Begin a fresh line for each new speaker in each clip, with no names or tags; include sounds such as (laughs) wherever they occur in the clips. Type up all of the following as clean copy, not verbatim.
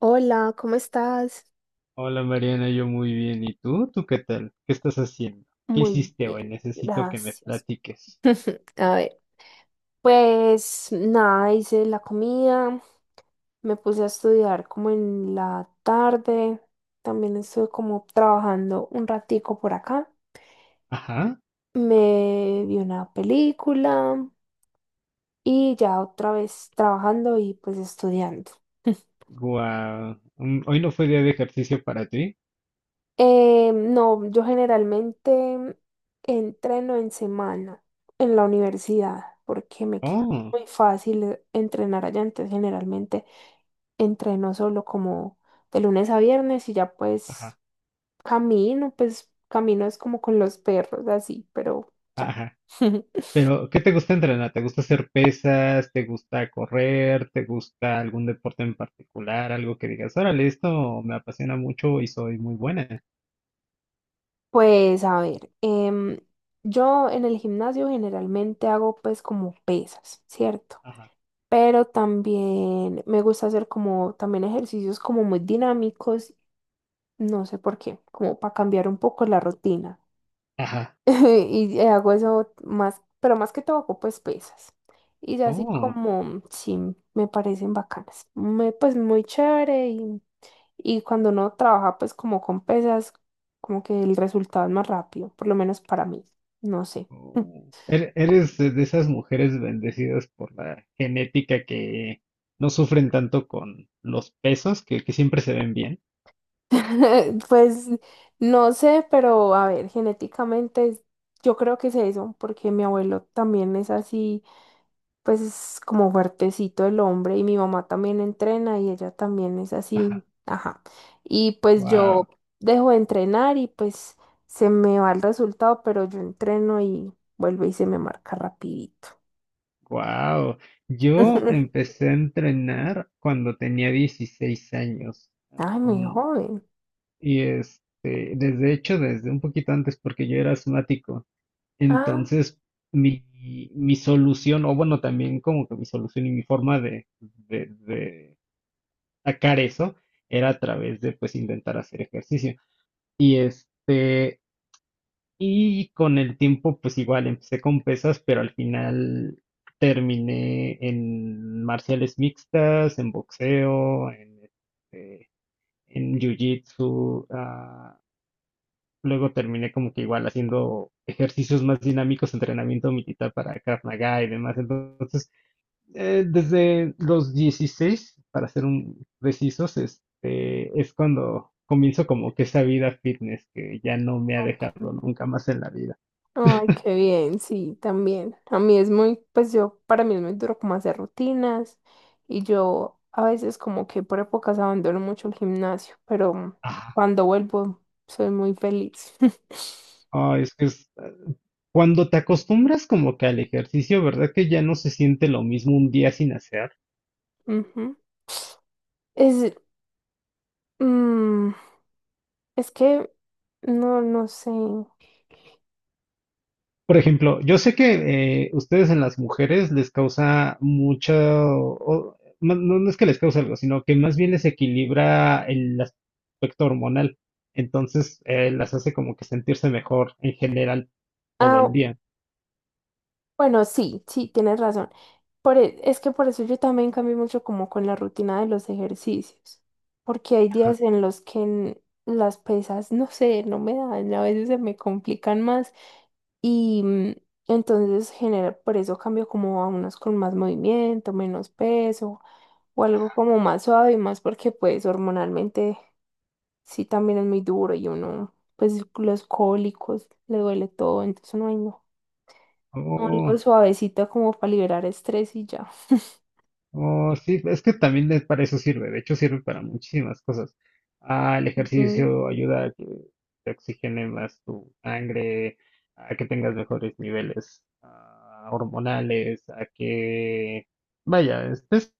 Hola, ¿cómo estás?
Hola Mariana, yo muy bien. ¿Y tú? ¿Tú qué tal? ¿Qué estás haciendo? ¿Qué
Muy
hiciste hoy?
bien,
Necesito que me
gracias.
platiques.
(laughs) A ver, pues nada, hice la comida, me puse a estudiar como en la tarde, también estuve como trabajando un ratico por acá,
Ajá.
me vi una película y ya otra vez trabajando y pues estudiando. (laughs)
Guau. Hoy no fue día de ejercicio para ti.
No, yo generalmente entreno en semana en la universidad porque me queda
Oh,
muy fácil entrenar allá. Entonces, generalmente entreno solo como de lunes a viernes y ya
ajá,
pues camino es como con los perros así, pero ya.
ajá.
(laughs)
Pero, ¿qué te gusta entrenar? ¿Te gusta hacer pesas? ¿Te gusta correr? ¿Te gusta algún deporte en particular? Algo que digas, órale, esto me apasiona mucho y soy muy buena.
Pues a ver, yo en el gimnasio generalmente hago pues como pesas, ¿cierto?
Ajá,
Pero también me gusta hacer como también ejercicios como muy dinámicos, no sé por qué, como para cambiar un poco la rutina.
ajá.
(laughs) Y hago eso más, pero más que todo hago pues pesas. Y ya así
Oh.
como, sí, me parecen bacanas. Me, pues muy chévere y cuando uno trabaja pues como con pesas, como que el resultado es más rápido, por lo menos para mí, no sé.
Oh. Eres de esas mujeres bendecidas por la genética que no sufren tanto con los pesos, que siempre se ven bien.
(laughs) Pues no sé, pero a ver, genéticamente yo creo que es eso, porque mi abuelo también es así, pues es como fuertecito el hombre y mi mamá también entrena y ella también es
Ajá.
así, ajá. Y pues yo
Wow,
dejo de entrenar y pues se me va el resultado, pero yo entreno y vuelve y se me marca rapidito.
wow. Yo
(laughs)
empecé a entrenar cuando tenía 16 años.
Ay, muy joven.
Desde hecho, desde un poquito antes, porque yo era asmático.
Ah,
Entonces, mi, mi solución, o bueno, también como que mi solución y mi forma de sacar eso era a través de pues intentar hacer ejercicio. Y este, y con el tiempo pues igual empecé con pesas, pero al final terminé en marciales mixtas, en boxeo, en jiu-jitsu. Luego terminé como que igual haciendo ejercicios más dinámicos, entrenamiento militar para Krav Maga y demás. Entonces desde los 16, para ser un precisos, es cuando comienzo como que esa vida fitness que ya no me ha
ok.
dejado nunca más en la vida.
Ay, qué bien, sí, también. A mí es muy, pues yo, para mí es muy duro como hacer rutinas y yo a veces como que por épocas abandono mucho el gimnasio, pero
Ah,
cuando vuelvo soy muy feliz. (laughs)
Ah, es que es, eh, cuando te acostumbras como que al ejercicio, ¿verdad que ya no se siente lo mismo un día sin hacer?
Ujú. Es, mm, es que, no sé.
Por ejemplo, yo sé que ustedes en las mujeres les causa mucho, no, no es que les cause algo, sino que más bien les equilibra el aspecto hormonal. Entonces, las hace como que sentirse mejor en general todo el
Ah,
día.
bueno, sí, sí, tienes razón. Por, es que por eso yo también cambio mucho como con la rutina de los ejercicios, porque hay días
Ajá.
en los que las pesas, no sé, no me dan, a veces se me complican más y entonces genera, por eso cambio como a unos con más movimiento, menos peso o algo como más suave y más porque pues hormonalmente sí también es muy duro y uno, pues los cólicos, le duele todo, entonces no hay algo
Oh.
suavecito como para liberar estrés y ya.
Oh, sí, es que también para eso sirve, de hecho sirve para muchísimas cosas. Ah, el
Ujú.
ejercicio ayuda a que te oxigene más tu sangre, a que tengas mejores niveles hormonales, vaya, estés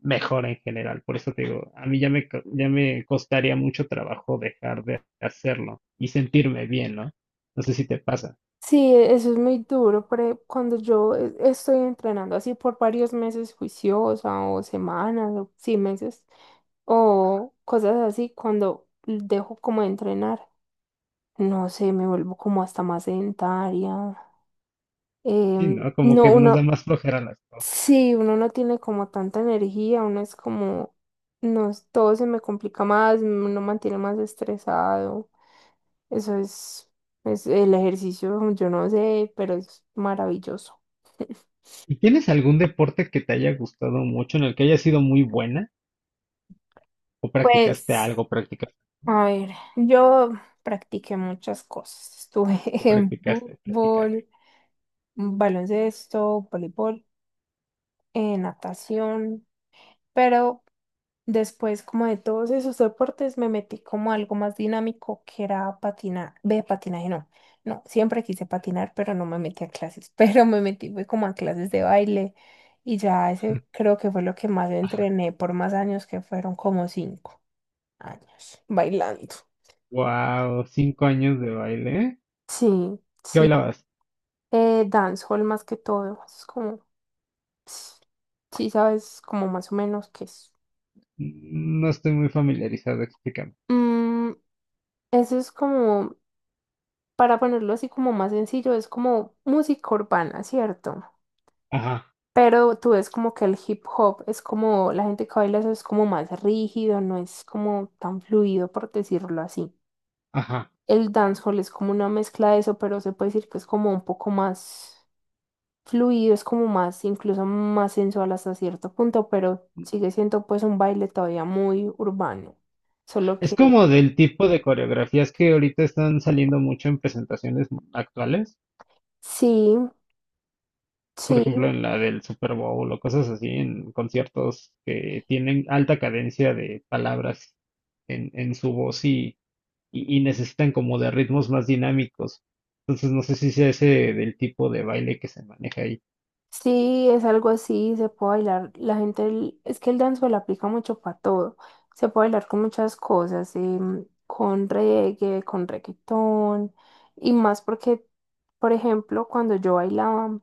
mejor en general. Por eso te digo, a mí ya me costaría mucho trabajo dejar de hacerlo y sentirme bien, ¿no? No sé si te pasa.
Sí, e, eso es muy duro, pero cuando yo estoy entrenando así por varios meses juiciosa o semanas o sí meses o cosas así, cuando dejo como de entrenar, no sé, me vuelvo como hasta más sedentaria.
Sí, ¿no? Como
No,
que nos da
uno,
más flojera las cosas.
sí, uno no tiene como tanta energía, uno es como, no, todo se me complica más, uno mantiene más estresado. Eso es el ejercicio, yo no sé, pero es maravilloso.
¿Y tienes algún deporte que te haya gustado mucho, en el que hayas sido muy buena? ¿O practicaste
Pues,
algo? ¿Practicaste?
a ver, yo practiqué muchas cosas. Estuve (laughs) en
¿Practicaste? ¿Practicaste?
fútbol, baloncesto, voleibol, natación, pero después, como de todos esos deportes, me metí como a algo más dinámico que era patinar. Ve, patinaje no. No, siempre quise patinar, pero no me metí a clases. (laughs) Pero me metí fue como a clases de baile y ya ese creo que fue lo que más entrené por más años, que fueron como 5 años bailando.
Wow, 5 años de baile. ¿Eh?
Sí,
¿Qué
sí.
bailabas?
Dancehall más que todo. Es como, sí, sabes, como más o menos qué es.
No estoy muy familiarizado, explícame.
Mm, eso es como para ponerlo así como más sencillo, es como música urbana, ¿cierto?
Ajá,
Pero tú ves como que el hip hop es como, la gente que baila eso es como más rígido, no es como tan fluido, por decirlo así.
ajá.
El dancehall es como una mezcla de eso, pero se puede decir que es como un poco más fluido, es como más, incluso más sensual hasta cierto punto, pero sigue siendo pues un baile todavía muy urbano. Solo
Es
que
como del tipo de coreografías que ahorita están saliendo mucho en presentaciones actuales.
sí,
Por
sí,
ejemplo, en la del Super Bowl o cosas así, en conciertos que tienen alta cadencia de palabras en su voz y necesitan como de ritmos más dinámicos. Entonces no sé si sea ese del tipo de baile que se maneja ahí.
sí, es algo así, se puede bailar. La gente, es que el dancehall aplica mucho para todo. Se puede bailar con muchas cosas, con reggae, con reggaetón, y más porque, por ejemplo, cuando yo bailaba,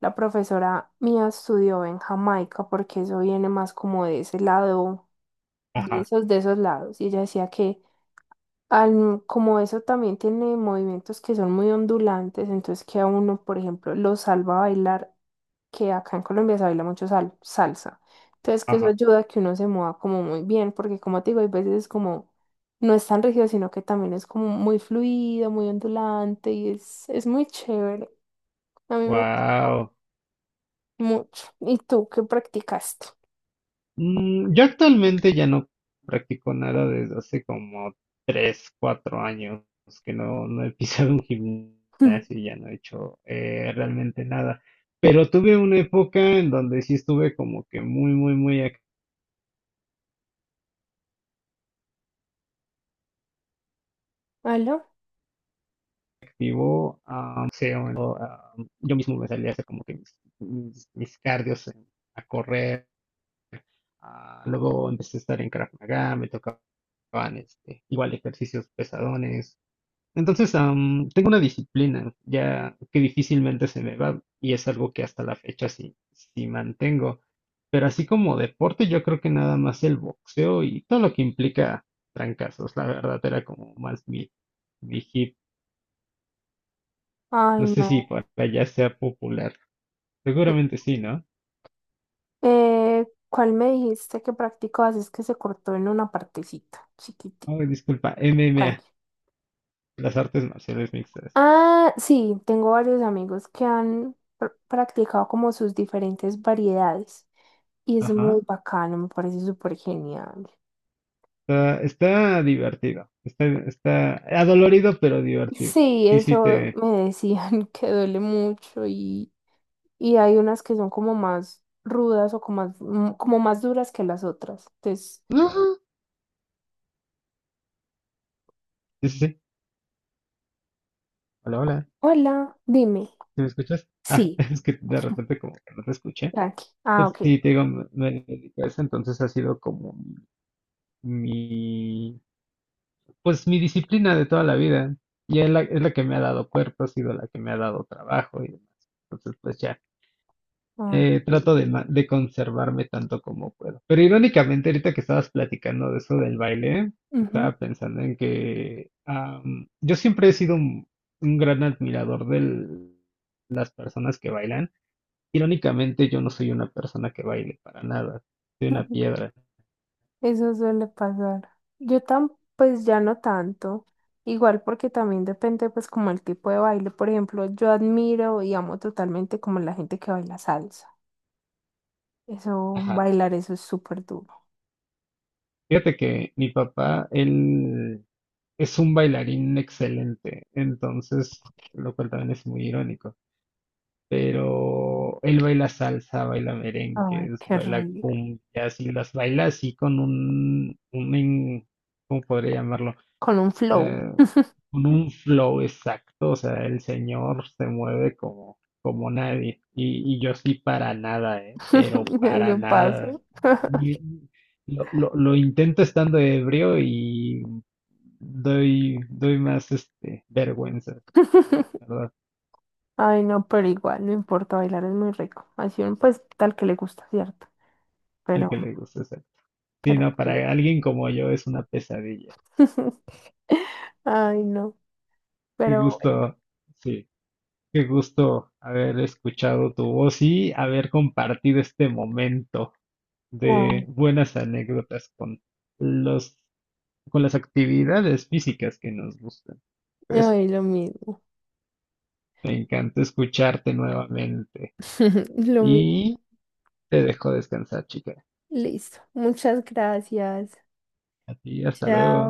la profesora mía estudió en Jamaica, porque eso viene más como de ese lado,
Ajá,
de esos lados. Y ella decía que como eso también tiene movimientos que son muy ondulantes, entonces que a uno, por ejemplo, lo salva a bailar, que acá en Colombia se baila mucho salsa. Entonces que eso
ajá.
ayuda a que uno se mueva como muy bien, porque como te digo, hay veces es como, no es tan rígido, sino que también es como muy fluido, muy ondulante y es muy chévere. A mí me gusta
Wow.
mucho. ¿Y tú qué practicaste?
Yo actualmente ya no practico nada desde hace como 3, 4 años que no he (laughs) pisado un gimnasio y
(laughs)
ya no he hecho realmente nada. Pero tuve una época en donde sí estuve como que muy
¿Aló?
vivo, yo mismo me salía a hacer como que mis cardios a correr. Luego empecé a estar en Krav Maga, me tocaban igual ejercicios pesadones. Entonces, tengo una disciplina ya que difícilmente se me va y es algo que hasta la fecha sí mantengo. Pero así como deporte, yo creo que nada más el boxeo y todo lo que implica trancazos, la verdad era como más mi hit.
Ay,
No sé
no.
si por allá sea popular. Seguramente sí, ¿no?
¿Cuál me dijiste que practicabas? Es que se cortó en una partecita, chiquitita.
Oh, disculpa, MMA,
Tranqui.
las artes marciales mixtas.
Ah, sí, tengo varios amigos que han practicado como sus diferentes variedades y es muy
Ajá.
bacano, me parece súper genial.
Está divertido. Está adolorido, pero divertido.
Sí,
Sí, sí,
eso
te.
me decían (laughs) que duele mucho y hay unas que son como más rudas o como más, como más duras que las otras. Entonces,
Ajá. Sí, sí, sí. Hola, hola.
hola, dime.
¿Sí me escuchas? Ah,
Sí,
(laughs) es que de repente como que no te escuché.
tranqui. Ah,
Pero
ok.
sí, te digo, me dedico a eso, entonces ha sido como mi, pues mi disciplina de toda la vida. Y es es la que me ha dado cuerpo, ha sido la que me ha dado trabajo y demás. Entonces, pues ya.
Ay, qué
Trato de conservarme tanto como puedo. Pero irónicamente, ahorita que estabas platicando de eso del baile,
bien.
estaba pensando en que yo siempre he sido un gran admirador de las personas que bailan. Irónicamente, yo no soy una persona que baile para nada. Soy una
(laughs)
piedra.
Eso suele pasar. Yo tan, pues ya no tanto. Igual porque también depende pues como el tipo de baile. Por ejemplo, yo admiro y amo totalmente como la gente que baila salsa. Eso,
Ajá.
bailar eso es súper duro.
Fíjate que mi papá, él es un bailarín excelente, entonces, lo cual también es muy irónico. Pero él baila salsa, baila
Ay,
merengues,
qué
baila
rico.
cumbias y las baila así con un ¿cómo podría llamarlo?
Con un flow.
Eh, con un flow exacto, o sea, el señor se mueve como nadie y yo sí para nada, ¿eh? Pero
(laughs)
para
Eso pasa.
nada. Ni- lo intento estando ebrio y doy más vergüenza, la
(laughs)
verdad,
Ay, no, pero igual, no importa, bailar es muy rico. Así uno pues tal que le gusta, ¿cierto?
al
Pero,
que le guste. Sí,
pero
no,
qué bien.
para alguien como yo es una pesadilla.
(laughs) Ay, no,
Qué
pero bueno.
gusto, sí, qué gusto haber escuchado tu voz y haber compartido este momento de
Ay,
buenas anécdotas los, con las actividades físicas que nos gustan. Pues
ay, lo mismo.
me encanta escucharte nuevamente
(laughs) Lo mismo.
y te dejo descansar, chica.
Listo. Muchas gracias.
A ti, hasta
Chao.
luego.